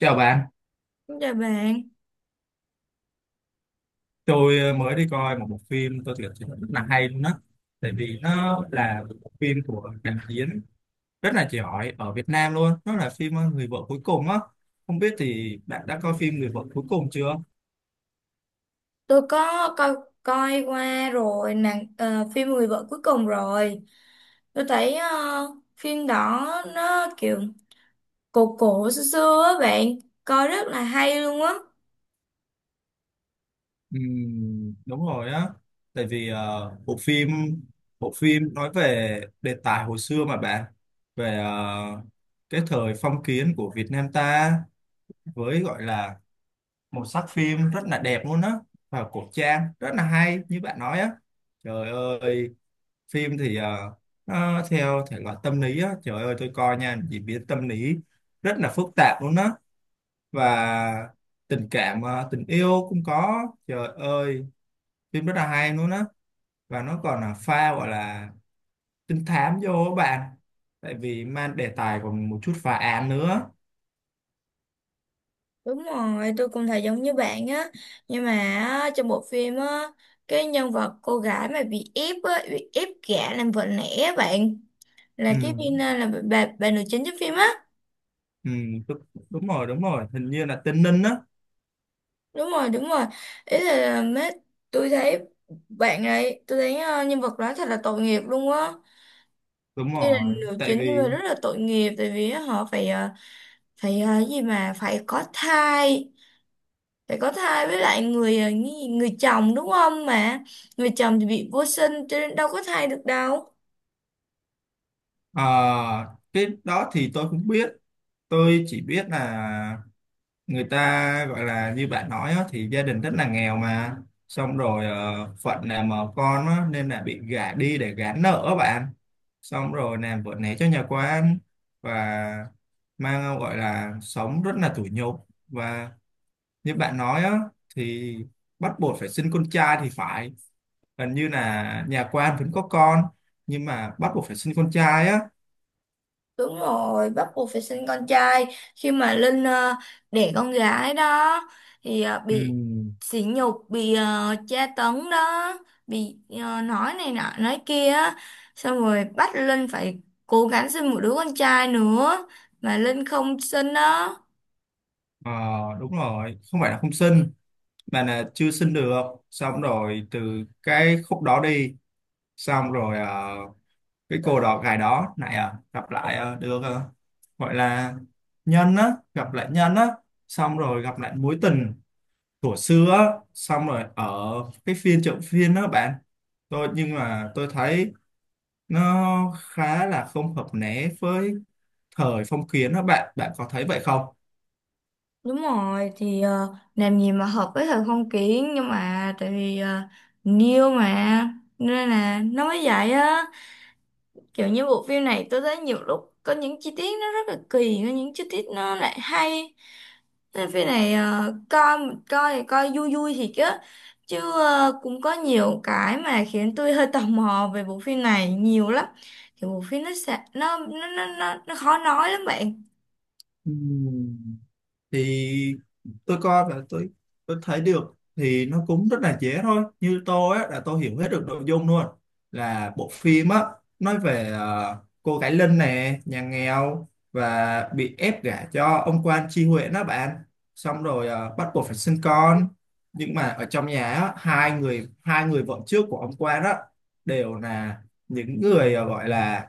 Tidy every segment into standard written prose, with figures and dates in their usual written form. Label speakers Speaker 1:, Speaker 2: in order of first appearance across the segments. Speaker 1: Chào bạn,
Speaker 2: Xin chào bạn,
Speaker 1: tôi mới đi coi một bộ phim tôi thực sự rất là hay luôn đó. Tại vì nó là một bộ phim của đạo diễn rất là giỏi ở Việt Nam luôn. Nó là phim Người vợ cuối cùng á. Không biết thì bạn đã coi phim Người vợ cuối cùng chưa?
Speaker 2: tôi có coi coi qua rồi nàng phim Người vợ cuối cùng rồi. Tôi thấy phim đó nó kiểu cổ cổ xưa xưa á bạn, coi rất là hay luôn á.
Speaker 1: Đúng rồi á. Tại vì bộ phim nói về đề tài hồi xưa mà bạn về cái thời phong kiến của Việt Nam ta, với gọi là màu sắc phim rất là đẹp luôn á và cổ trang rất là hay như bạn nói á, trời ơi. Phim thì nó theo thể loại tâm lý á, trời ơi tôi coi nha, diễn biến tâm lý rất là phức tạp luôn á, và tình cảm tình yêu cũng có, trời ơi phim rất là hay luôn á, và nó còn là pha gọi là trinh thám vô á bạn, tại vì mang đề tài còn một chút phá án nữa.
Speaker 2: Đúng rồi, tôi cũng thấy giống như bạn á. Nhưng mà á, trong bộ phim á, cái nhân vật cô gái mà bị ép gả làm vợ lẽ á bạn, là
Speaker 1: ừ,
Speaker 2: cái viên là bà nữ chính trong phim á.
Speaker 1: ừ đúng, đúng rồi. Hình như là tên Ninh á.
Speaker 2: Đúng rồi, đúng rồi, ý là mấy tôi thấy bạn ấy tôi thấy nhân vật đó thật là tội nghiệp luôn á.
Speaker 1: Đúng
Speaker 2: Tuy là
Speaker 1: rồi,
Speaker 2: nữ
Speaker 1: tại
Speaker 2: chính nhưng mà
Speaker 1: vì.
Speaker 2: rất là tội nghiệp, tại vì họ gì mà phải có thai với lại người chồng đúng không, mà người chồng thì bị vô sinh cho nên đâu có thai được đâu.
Speaker 1: Ờ, cái đó thì tôi cũng biết, tôi chỉ biết là người ta gọi là như bạn nói á, thì gia đình rất là nghèo mà, xong rồi phận làm mà con á, nên là bị gả đi để gán nợ á bạn, xong rồi làm vợ né cho nhà quan và mang gọi là sống rất là tủi nhục, và như bạn nói á, thì bắt buộc phải sinh con trai thì phải, gần như là nhà quan vẫn có con nhưng mà bắt buộc phải sinh con trai á.
Speaker 2: Đúng rồi, bắt buộc phải sinh con trai. Khi mà Linh đẻ con gái đó thì bị
Speaker 1: Ừm.
Speaker 2: sỉ nhục, bị tra tấn đó, bị nói này nọ, nói kia á. Xong rồi bắt Linh phải cố gắng sinh một đứa con trai nữa mà Linh không sinh đó.
Speaker 1: Ờ, đúng rồi, không phải là không xin mà là chưa xin được. Xong rồi từ cái khúc đó đi, xong rồi cái cô gái đó này à, gặp lại được gọi là nhân á, gặp lại nhân á, xong rồi gặp lại mối tình của xưa á, xong rồi ở cái phiên chợ phiên đó bạn. Tôi nhưng mà tôi thấy nó khá là không hợp né với thời phong kiến đó bạn, bạn có thấy vậy không?
Speaker 2: Đúng rồi, thì làm gì mà hợp với thời phong kiến, nhưng mà tại vì niêu mà nên là nó mới vậy á. Kiểu như bộ phim này tôi thấy nhiều lúc có những chi tiết nó rất là kỳ, có những chi tiết nó lại hay, nên phim này coi, coi thì coi vui vui thì chứ chứ cũng có nhiều cái mà khiến tôi hơi tò mò về bộ phim này nhiều lắm. Thì bộ phim nó sẽ nó khó nói lắm bạn.
Speaker 1: Ừ. Thì tôi coi và tôi thấy được thì nó cũng rất là dễ thôi, như tôi á là tôi hiểu hết được nội dung luôn, là bộ phim á nói về cô gái Linh nè, nhà nghèo và bị ép gả cho ông quan tri huyện đó bạn, xong rồi bắt buộc phải sinh con, nhưng mà ở trong nhà á, hai người vợ trước của ông quan đó đều là những người gọi là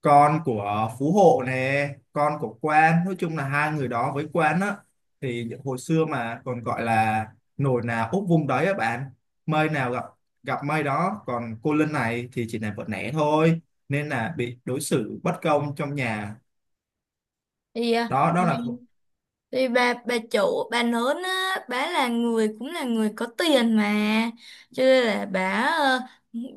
Speaker 1: con của phú hộ nè, con của quan, nói chung là hai người đó với quan á, thì những hồi xưa mà còn gọi là nồi nào úp vung đấy á bạn, mây nào gặp gặp mây đó, còn cô Linh này thì chỉ là vợ lẽ thôi nên là bị đối xử bất công trong nhà.
Speaker 2: thì à,
Speaker 1: Đó đó là.
Speaker 2: Thì bà chủ bà lớn á, bà là người cũng là người có tiền mà, cho nên là bà ờ,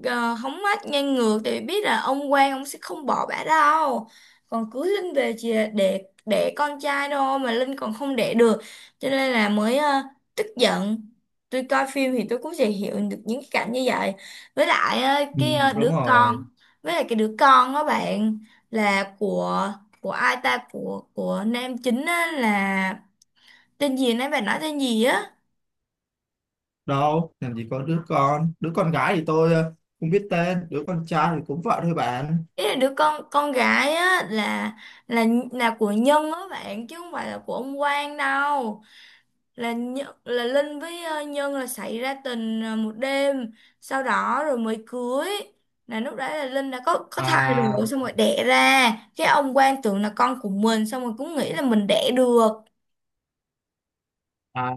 Speaker 2: hóng mát ngang ngược thì biết là ông Quang ông sẽ không bỏ bà đâu, còn cưới Linh về chỉ là để con trai thôi, mà Linh còn không đẻ được cho nên là mới tức giận. Tôi coi phim thì tôi cũng sẽ hiểu được những cái cảnh như vậy. với lại ờ,
Speaker 1: Ừ,
Speaker 2: cái ờ,
Speaker 1: đúng
Speaker 2: đứa
Speaker 1: rồi.
Speaker 2: con với lại cái đứa con đó bạn, là của ai ta, của nam chính á, là tên gì nãy bạn nói tên gì á.
Speaker 1: Đâu làm gì có đứa con, đứa con gái thì tôi không biết tên, đứa con trai thì cũng vợ thôi bạn.
Speaker 2: Ý là đứa con gái á, là là của Nhân á bạn, chứ không phải là của ông Quang đâu. Là là Linh với Nhân là xảy ra tình một đêm, sau đó rồi mới cưới, là lúc đấy là Linh đã có thai
Speaker 1: à
Speaker 2: rồi, xong rồi đẻ ra cái ông Quang tưởng là con của mình, xong rồi cũng nghĩ là mình đẻ được.
Speaker 1: À,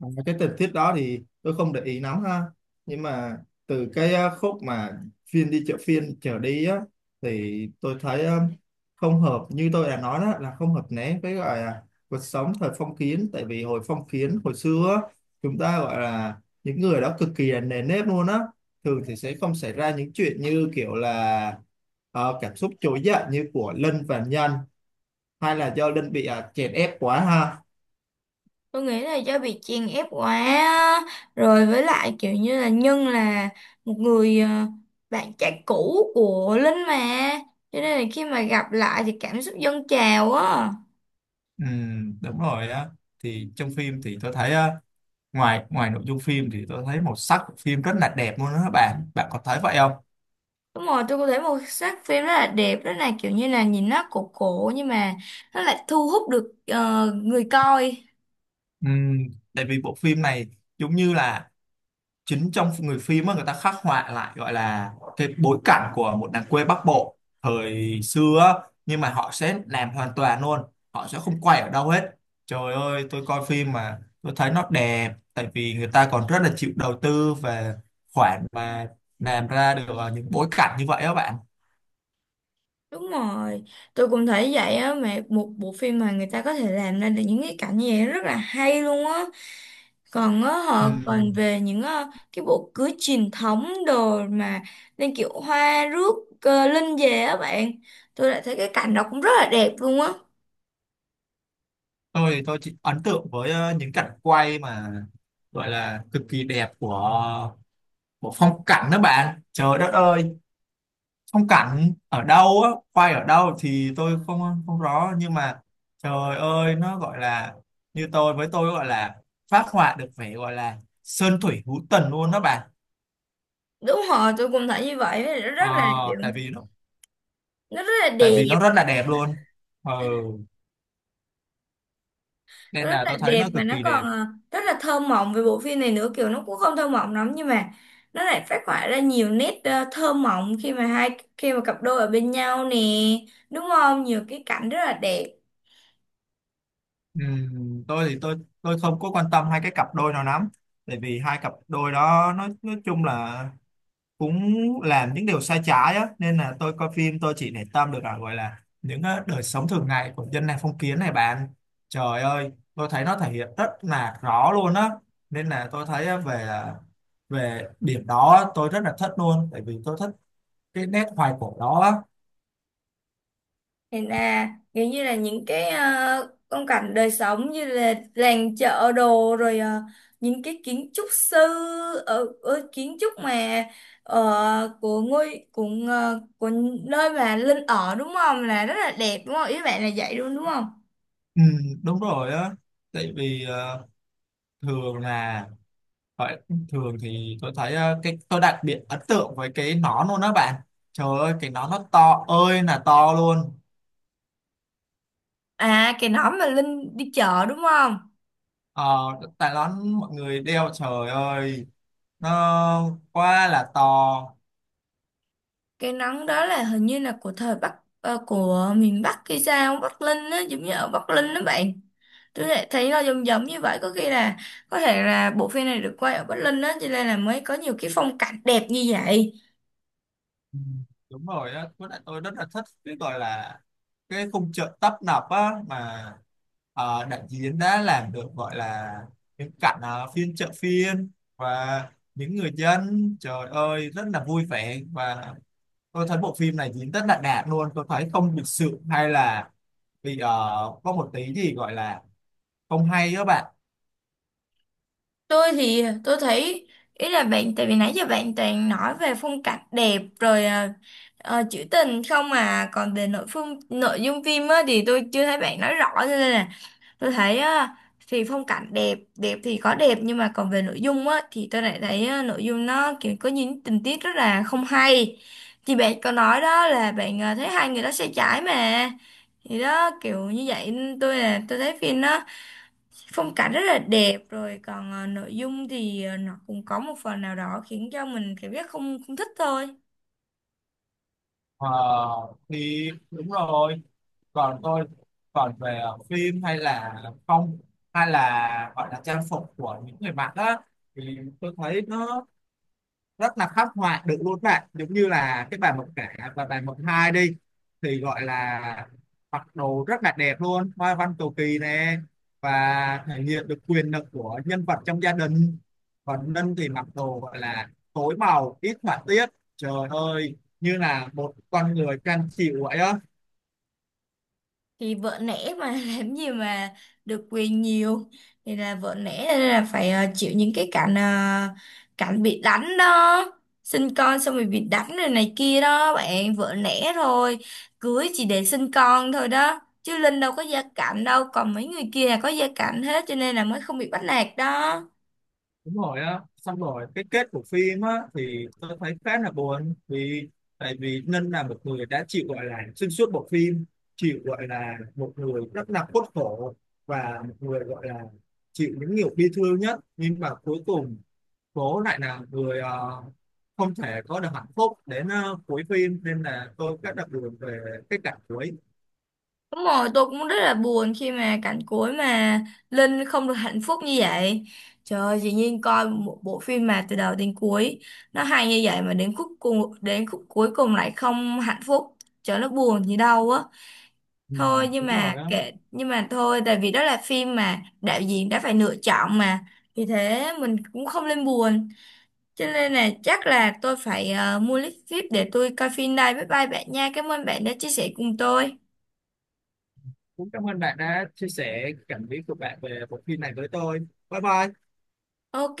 Speaker 1: à, cái tình tiết đó thì tôi không để ý lắm ha, nhưng mà từ cái khúc mà phiên đi chợ phiên trở đi á thì tôi thấy không hợp, như tôi đã nói đó là không hợp né với gọi là cuộc sống thời phong kiến, tại vì hồi phong kiến hồi xưa á, chúng ta gọi là những người đó cực kỳ là nề nếp luôn á, thường thì sẽ không xảy ra những chuyện như kiểu là cảm xúc trỗi dậy như của Lân và Nhân, hay là do Lân bị chèn ép quá ha.
Speaker 2: Tôi nghĩ là do bị chèn ép quá á. Rồi với lại kiểu như là Nhân là một người bạn trai cũ của Linh mà, cho nên là khi mà gặp lại thì cảm xúc dâng trào á.
Speaker 1: Ừ, đúng rồi á. Thì trong phim thì tôi thấy á, ngoài ngoài nội dung phim thì tôi thấy màu sắc của phim rất là đẹp luôn đó các bạn, bạn có thấy vậy không?
Speaker 2: Đúng rồi, tôi có thấy một sắc phim rất là đẹp, rất là kiểu như là nhìn nó cổ cổ nhưng mà nó lại thu hút được người coi.
Speaker 1: Ừ, tại vì bộ phim này giống như là chính trong người phim á, người ta khắc họa lại gọi là cái bối cảnh của một làng quê Bắc Bộ thời xưa á, nhưng mà họ sẽ làm hoàn toàn luôn, họ sẽ không quay ở đâu hết, trời ơi tôi coi phim mà tôi thấy nó đẹp, tại vì người ta còn rất là chịu đầu tư về khoản mà làm ra được những bối cảnh như vậy á bạn.
Speaker 2: Đúng rồi, tôi cũng thấy vậy á, mà một bộ phim mà người ta có thể làm ra được những cái cảnh như vậy rất là hay luôn á. Còn á, họ còn
Speaker 1: Ừm,
Speaker 2: về những cái bộ cưới truyền thống đồ mà, lên kiểu hoa rước linh về á bạn. Tôi lại thấy cái cảnh đó cũng rất là đẹp luôn á.
Speaker 1: tôi chỉ ấn tượng với những cảnh quay mà gọi là cực kỳ đẹp của của phong cảnh đó bạn, trời đất ơi, phong cảnh ở đâu á, quay ở đâu thì tôi không không rõ, nhưng mà trời ơi nó gọi là, như tôi gọi là phát họa được vẻ gọi là sơn thủy hữu tình luôn đó bạn.
Speaker 2: Đúng rồi, tôi cũng thấy như vậy,
Speaker 1: ờ,
Speaker 2: rất là kiểu,
Speaker 1: tại vì nó
Speaker 2: nó rất là
Speaker 1: Tại
Speaker 2: đẹp.
Speaker 1: vì nó rất là đẹp luôn. Ừ, nên
Speaker 2: Rất
Speaker 1: là
Speaker 2: là
Speaker 1: tôi thấy
Speaker 2: đẹp
Speaker 1: nó
Speaker 2: và
Speaker 1: cực
Speaker 2: nó
Speaker 1: kỳ
Speaker 2: còn
Speaker 1: đẹp.
Speaker 2: rất là thơ mộng về bộ phim này nữa, kiểu nó cũng không thơ mộng lắm nhưng mà nó lại phát họa ra nhiều nét thơ mộng khi mà hai khi mà cặp đôi ở bên nhau nè, đúng không, nhiều cái cảnh rất là đẹp.
Speaker 1: Tôi thì tôi không có quan tâm hai cái cặp đôi nào lắm, tại vì hai cặp đôi đó nói chung là cũng làm những điều sai trái á, nên là tôi coi phim tôi chỉ để tâm được là gọi là những đời sống thường ngày của dân này phong kiến này bạn, trời ơi tôi thấy nó thể hiện rất là rõ luôn á, nên là tôi thấy về điểm đó tôi rất là thích luôn, tại vì tôi thích cái nét hoài cổ đó á.
Speaker 2: Thì là kiểu như là những cái phong cảnh đời sống như là làng chợ đồ, rồi những cái kiến trúc sư, ở kiến trúc mà của ngôi của ờ, của nơi mà Linh ở, đúng không, là rất là đẹp đúng không, ý bạn là vậy luôn đúng không?
Speaker 1: Ừ, đúng rồi á, tại vì thường là gọi- thường thì tôi thấy cái tôi đặc biệt ấn tượng với cái nón luôn đó bạn, trời ơi cái nón nó to ơi là to luôn.
Speaker 2: À, cái nón mà Linh đi chợ đúng không?
Speaker 1: Ờ, tại đó mọi người đeo, trời ơi nó quá là to.
Speaker 2: Cái nón đó là hình như là của miền Bắc hay sao, Bắc Linh á, giống như ở Bắc Linh đó bạn. Tôi lại thấy nó giống giống như vậy, có khi là có thể là bộ phim này được quay ở Bắc Linh á, cho nên là mới có nhiều cái phong cảnh đẹp như vậy.
Speaker 1: Ừ, đúng rồi á, với lại tôi rất là thích cái gọi là cái khung chợ tấp nập á, mà đạo diễn đã làm được gọi là những cảnh phiên chợ phiên, và những người dân trời ơi rất là vui vẻ, và tôi thấy bộ phim này diễn rất là đạt luôn, tôi thấy không lịch sự hay là bị có một tí gì gọi là không hay các bạn.
Speaker 2: Tôi thì tôi thấy, ý là bạn, tại vì nãy giờ bạn toàn nói về phong cảnh đẹp rồi trữ tình không, mà còn về nội dung phim á thì tôi chưa thấy bạn nói rõ, cho nên là tôi thấy á, thì phong cảnh đẹp đẹp thì có đẹp nhưng mà còn về nội dung á thì tôi lại thấy á, nội dung nó kiểu có những tình tiết rất là không hay. Thì bạn có nói đó là, bạn à, thấy hai người đó sai trái mà, thì đó kiểu như vậy nên tôi là tôi thấy phim nó, phong cảnh rất là đẹp rồi, còn à, nội dung thì à, nó cũng có một phần nào đó khiến cho mình cảm giác không không thích thôi.
Speaker 1: Ờ, thì đúng rồi, còn tôi, còn về phim hay là không hay là gọi là trang phục của những người mặc á thì tôi thấy nó rất là khắc họa được luôn bạn, giống như là cái bài mộng cả và bài mộng hai đi thì gọi là mặc đồ rất là đẹp luôn, hoa văn cầu kỳ nè, và thể hiện được quyền lực của nhân vật trong gia đình, còn Ninh thì mặc đồ gọi là tối màu ít họa tiết, trời ơi như là một con người cam chịu vậy á.
Speaker 2: Thì vợ nể mà làm gì mà được quyền nhiều, thì là vợ nể nên là phải chịu những cái cảnh bị đánh đó, sinh con xong rồi bị đánh rồi này kia đó bạn, vợ nể thôi, cưới chỉ để sinh con thôi đó, chứ Linh đâu có gia cảnh đâu, còn mấy người kia là có gia cảnh hết cho nên là mới không bị bắt nạt đó.
Speaker 1: Đúng rồi á, xong rồi cái kết của phim á thì tôi thấy khá là buồn, vì tại vì Ninh là một người đã chịu gọi là xuyên suốt bộ phim, chịu gọi là một người rất là khuất khổ, và một người gọi là chịu những nhiều bi thương nhất nhưng mà cuối cùng cố lại là người không thể có được hạnh phúc đến cuối phim, nên là tôi rất là buồn về cái cảnh cuối.
Speaker 2: Đúng rồi, tôi cũng rất là buồn khi mà cảnh cuối mà Linh không được hạnh phúc như vậy. Trời ơi, dĩ nhiên coi một bộ phim mà từ đầu đến cuối nó hay như vậy mà đến khúc cuối cùng lại không hạnh phúc. Trời ơi, nó buồn gì đâu á.
Speaker 1: Ừ,
Speaker 2: Thôi nhưng
Speaker 1: đúng
Speaker 2: mà
Speaker 1: rồi á.
Speaker 2: kệ, nhưng mà thôi, tại vì đó là phim mà đạo diễn đã phải lựa chọn mà. Vì thế mình cũng không nên buồn. Cho nên là chắc là tôi phải mua lít phíp để tôi coi phim đây. Bye bye bạn nha. Cảm ơn bạn đã chia sẻ cùng tôi.
Speaker 1: Cũng cảm ơn bạn đã chia sẻ cảm nghĩ của bạn về bộ phim này với tôi. Bye bye.
Speaker 2: Ok.